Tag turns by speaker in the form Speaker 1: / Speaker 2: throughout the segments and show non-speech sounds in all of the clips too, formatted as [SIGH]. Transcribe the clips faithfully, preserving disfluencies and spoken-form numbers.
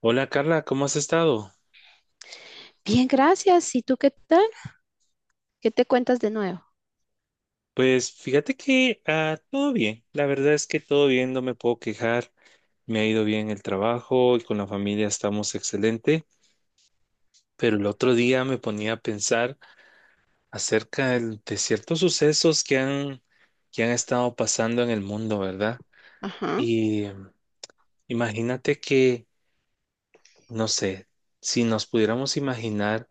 Speaker 1: Hola Carla, ¿cómo has estado?
Speaker 2: Bien, gracias. ¿Y tú qué tal? ¿Qué te cuentas de nuevo?
Speaker 1: Pues fíjate que ah, todo bien, la verdad es que todo bien, no me puedo quejar, me ha ido bien el trabajo y con la familia estamos excelente, pero el otro día me ponía a pensar acerca del- de ciertos sucesos que han, que han estado pasando en el mundo, ¿verdad?
Speaker 2: Ajá,
Speaker 1: Y eh, imagínate que, no sé, si nos pudiéramos imaginar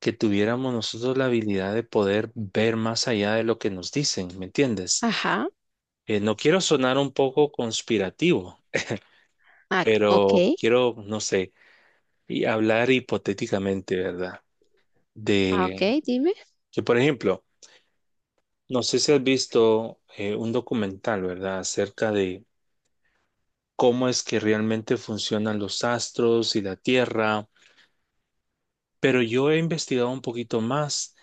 Speaker 1: que tuviéramos nosotros la habilidad de poder ver más allá de lo que nos dicen, ¿me entiendes?
Speaker 2: ajá,
Speaker 1: Eh, no quiero sonar un poco conspirativo,
Speaker 2: ah, ok,
Speaker 1: pero quiero, no sé, y hablar hipotéticamente, ¿verdad?
Speaker 2: ah,
Speaker 1: De
Speaker 2: ok, dime.
Speaker 1: que, por ejemplo, no sé si has visto eh, un documental, ¿verdad? Acerca de cómo es que realmente funcionan los astros y la Tierra. Pero yo he investigado un poquito más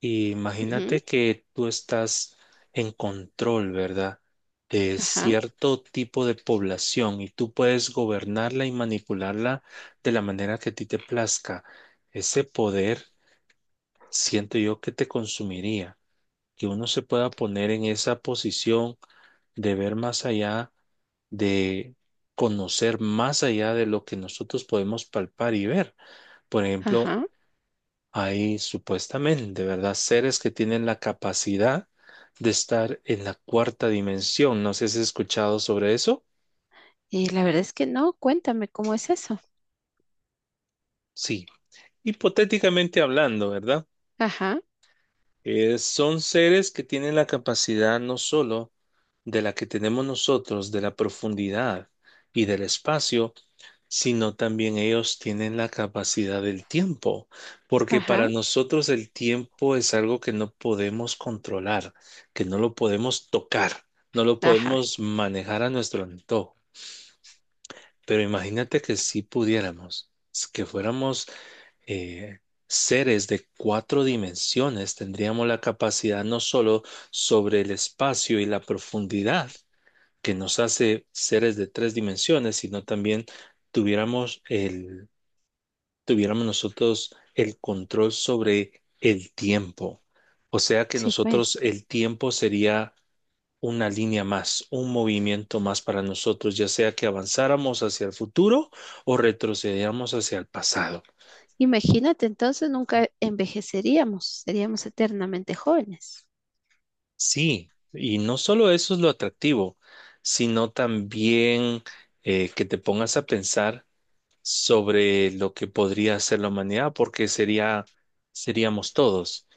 Speaker 1: y imagínate
Speaker 2: Ujú,
Speaker 1: que tú estás en control, ¿verdad? De
Speaker 2: ajá,
Speaker 1: cierto tipo de población y tú puedes gobernarla y manipularla de la manera que a ti te plazca. Ese poder siento yo que te consumiría, que uno se pueda poner en esa posición de ver más allá, de conocer más allá de lo que nosotros podemos palpar y ver. Por ejemplo,
Speaker 2: ajá.
Speaker 1: hay supuestamente, ¿verdad? Seres que tienen la capacidad de estar en la cuarta dimensión. No sé si has escuchado sobre eso.
Speaker 2: Y la verdad es que no, cuéntame cómo es eso.
Speaker 1: Sí, hipotéticamente hablando, ¿verdad?
Speaker 2: Ajá,
Speaker 1: Eh, son seres que tienen la capacidad no solo de la que tenemos nosotros, de la profundidad y del espacio, sino también ellos tienen la capacidad del tiempo, porque para
Speaker 2: ajá,
Speaker 1: nosotros el tiempo es algo que no podemos controlar, que no lo podemos tocar, no lo
Speaker 2: ajá.
Speaker 1: podemos manejar a nuestro antojo. Pero imagínate que si pudiéramos, s- que fuéramos eh, seres de cuatro dimensiones, tendríamos la capacidad no solo sobre el espacio y la profundidad que nos hace seres de tres dimensiones, sino también tuviéramos el tuviéramos nosotros el control sobre el tiempo. O sea que
Speaker 2: Sí, pues.
Speaker 1: nosotros el tiempo sería una línea más, un movimiento más para nosotros, ya sea que avanzáramos hacia el futuro o retrocediéramos hacia el pasado.
Speaker 2: Imagínate, entonces nunca envejeceríamos, seríamos eternamente jóvenes.
Speaker 1: Sí, y no solo eso es lo atractivo, sino también eh, que te pongas a pensar sobre lo que podría hacer la humanidad, porque sería, seríamos todos.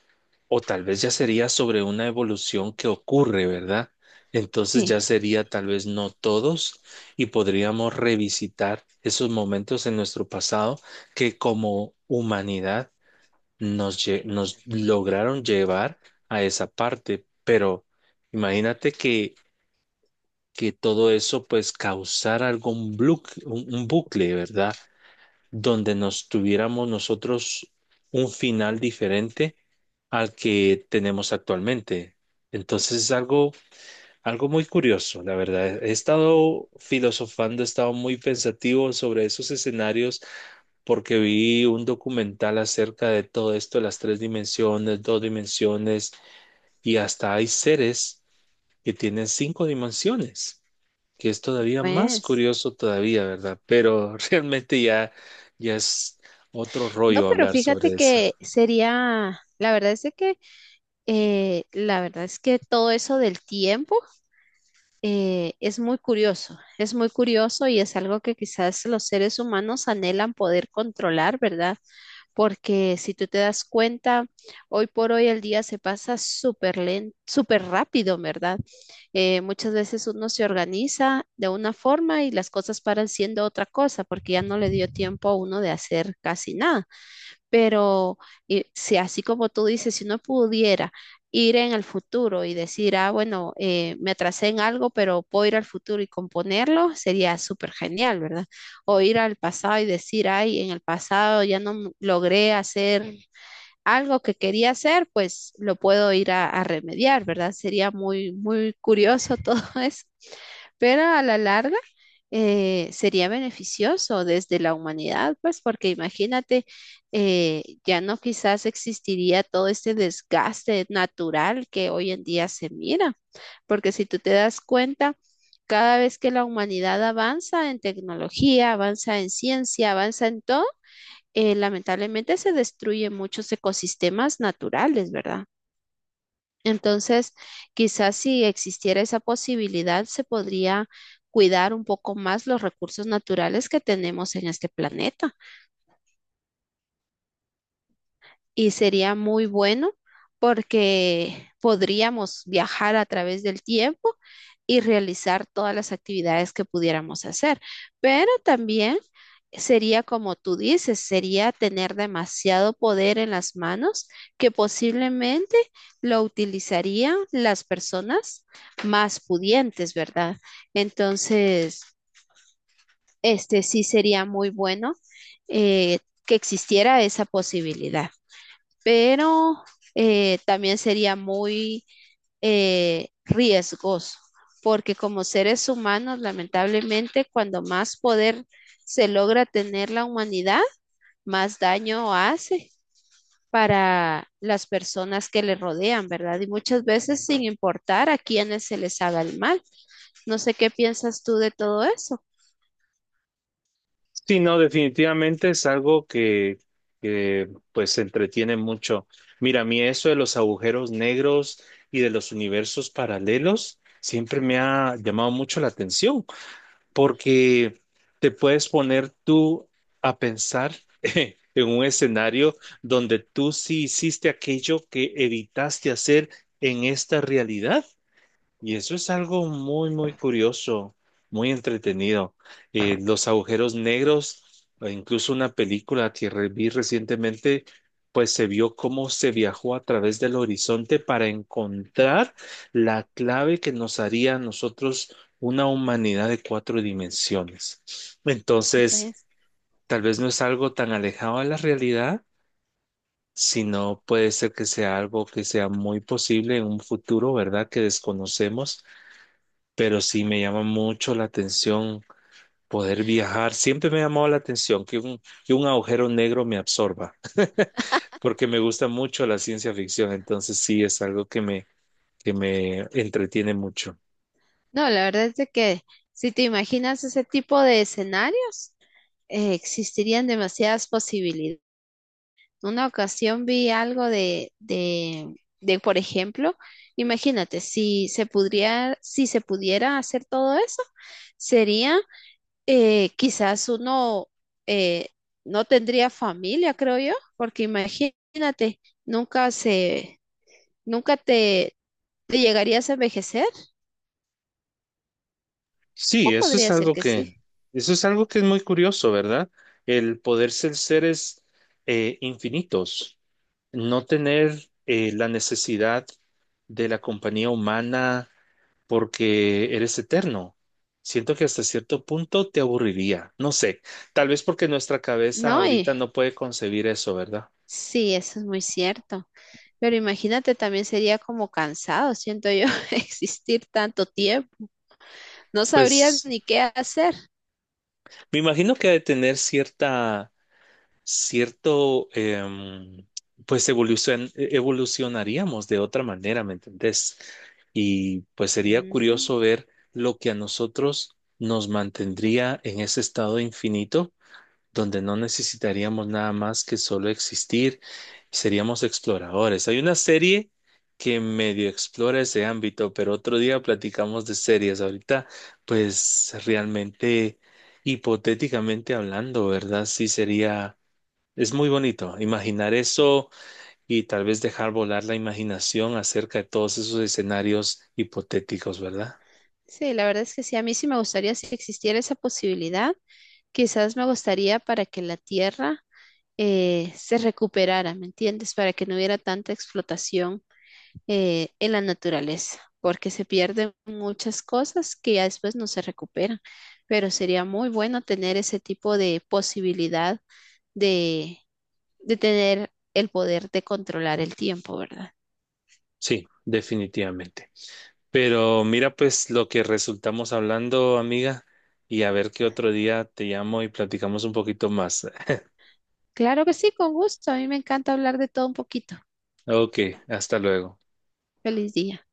Speaker 1: O tal vez ya sería sobre una evolución que ocurre, ¿verdad? Entonces ya
Speaker 2: Sí,
Speaker 1: sería tal vez no todos y podríamos revisitar esos momentos en nuestro pasado que como humanidad nos, lle- nos lograron llevar a esa parte. Pero imagínate que, que todo eso pues causara algún blu- un un bucle, ¿verdad? Donde nos tuviéramos nosotros un final diferente al que tenemos actualmente. Entonces es algo, algo muy curioso, la verdad. He estado filosofando, he estado muy pensativo sobre esos escenarios porque vi un documental acerca de todo esto, las tres dimensiones, dos dimensiones, y hasta hay seres que tiene cinco dimensiones, que es todavía más
Speaker 2: pues.
Speaker 1: curioso todavía, ¿verdad? Pero [LAUGHS] realmente ya, ya es otro
Speaker 2: No,
Speaker 1: rollo
Speaker 2: pero
Speaker 1: hablar
Speaker 2: fíjate
Speaker 1: sobre eso.
Speaker 2: que sería, la verdad es de que, eh, la verdad es que todo eso del tiempo. eh, es muy curioso, es muy curioso y es algo que quizás los seres humanos anhelan poder controlar, ¿verdad? Porque si tú te das cuenta, hoy por hoy el día se pasa súper lento, súper rápido, ¿verdad? Eh, muchas veces uno se organiza de una forma y las cosas paran siendo otra cosa porque ya no le dio tiempo a uno de hacer casi nada. Pero eh, si así como tú dices, si uno pudiera ir en el futuro y decir, ah, bueno, eh, me atrasé en algo, pero puedo ir al futuro y componerlo, sería súper genial, ¿verdad? O ir al pasado y decir, ay, en el pasado ya no m- logré hacer algo que quería hacer, pues lo puedo ir a, a remediar, ¿verdad? Sería muy, muy curioso todo [LAUGHS] eso, pero a la larga eh, sería beneficioso desde la humanidad, pues porque imagínate, eh, ya no quizás existiría todo este desgaste natural que hoy en día se mira, porque si tú te das cuenta, cada vez que la humanidad avanza en tecnología, avanza en ciencia, avanza en todo, eh, lamentablemente se destruyen muchos ecosistemas naturales, ¿verdad? Entonces, quizás si existiera esa posibilidad, se podría cuidar un poco más los recursos naturales que tenemos en este planeta. Y sería muy bueno porque podríamos viajar a través del tiempo y realizar todas las actividades que pudiéramos hacer, pero también sería como tú dices, sería tener demasiado poder en las manos que posiblemente lo utilizarían las personas más pudientes, ¿verdad? Entonces, este sí sería muy bueno eh, que existiera esa posibilidad, pero eh, también sería muy eh, riesgoso, porque como seres humanos, lamentablemente, cuando más poder se logra tener la humanidad, más daño hace para las personas que le rodean, ¿verdad? Y muchas veces sin importar a quiénes se les haga el mal. No sé qué piensas tú de todo eso.
Speaker 1: Sí, no, definitivamente es algo que, que pues entretiene mucho. Mira, a mí eso de los agujeros negros y de los universos paralelos siempre me ha llamado mucho la atención, porque te puedes poner tú a pensar [LAUGHS] en un escenario donde tú sí hiciste aquello que evitaste hacer en esta realidad. Y eso es algo muy, muy curioso, muy entretenido. Eh, los agujeros negros, e incluso una película que re- vi recientemente, pues se vio cómo se viajó a través del horizonte para encontrar la clave que nos haría a nosotros una humanidad de cuatro dimensiones.
Speaker 2: Sí,
Speaker 1: Entonces,
Speaker 2: pues.
Speaker 1: tal vez no es algo tan alejado de la realidad, sino puede ser que sea algo que sea muy posible en un futuro, ¿verdad? Que desconocemos, pero sí me llama mucho la atención poder viajar. Siempre me ha llamado la atención que un, que un agujero negro me absorba, [LAUGHS] porque me gusta mucho la ciencia ficción, entonces sí es algo que me, que me entretiene mucho.
Speaker 2: No, la verdad es de que si te imaginas ese tipo de escenarios, eh, existirían demasiadas posibilidades. Una ocasión vi algo de, de, de, por ejemplo, imagínate, si se pudiera, si se pudiera hacer todo eso, sería eh, quizás uno eh, no tendría familia, creo yo, porque imagínate, nunca se, nunca te, te llegarías a envejecer,
Speaker 1: Sí,
Speaker 2: o
Speaker 1: eso es
Speaker 2: podría ser
Speaker 1: algo
Speaker 2: que sí.
Speaker 1: que, eso es algo que es muy curioso, ¿verdad? El poder ser seres eh, infinitos, no tener eh, la necesidad de la compañía humana porque eres eterno. Siento que hasta cierto punto te aburriría. No sé, tal vez porque nuestra cabeza
Speaker 2: No,
Speaker 1: ahorita
Speaker 2: y
Speaker 1: no puede concebir eso, ¿verdad?
Speaker 2: sí, eso es muy cierto. Pero imagínate, también sería como cansado, siento yo, [LAUGHS] existir tanto tiempo. No sabrías
Speaker 1: Pues
Speaker 2: ni qué hacer.
Speaker 1: me imagino que ha de tener cierta, cierto, em, pues evolucion- evolucionaríamos de otra manera, ¿me entendés? Y pues sería
Speaker 2: Mm,
Speaker 1: curioso ver lo que a nosotros nos mantendría en ese estado infinito donde no necesitaríamos nada más que solo existir, seríamos exploradores. Hay una serie que medio explora ese ámbito, pero otro día platicamos de series. Ahorita, pues realmente, hipotéticamente hablando, ¿verdad? Sí sería, es muy bonito imaginar eso y tal vez dejar volar la imaginación acerca de todos esos escenarios hipotéticos, ¿verdad?
Speaker 2: sí, la verdad es que sí, a mí sí me gustaría si existiera esa posibilidad. Quizás me gustaría para que la tierra eh, se recuperara, ¿me entiendes? Para que no hubiera tanta explotación eh, en la naturaleza, porque se pierden muchas cosas que ya después no se recuperan. Pero sería muy bueno tener ese tipo de posibilidad de tener el poder de controlar el tiempo, ¿verdad?
Speaker 1: Sí, definitivamente. Pero mira pues lo que resultamos hablando, amiga, y a ver qué otro día te llamo y platicamos un poquito más. [LAUGHS]
Speaker 2: Claro que sí, con gusto. A mí me encanta hablar de todo un poquito.
Speaker 1: Ok, hasta luego.
Speaker 2: Feliz día.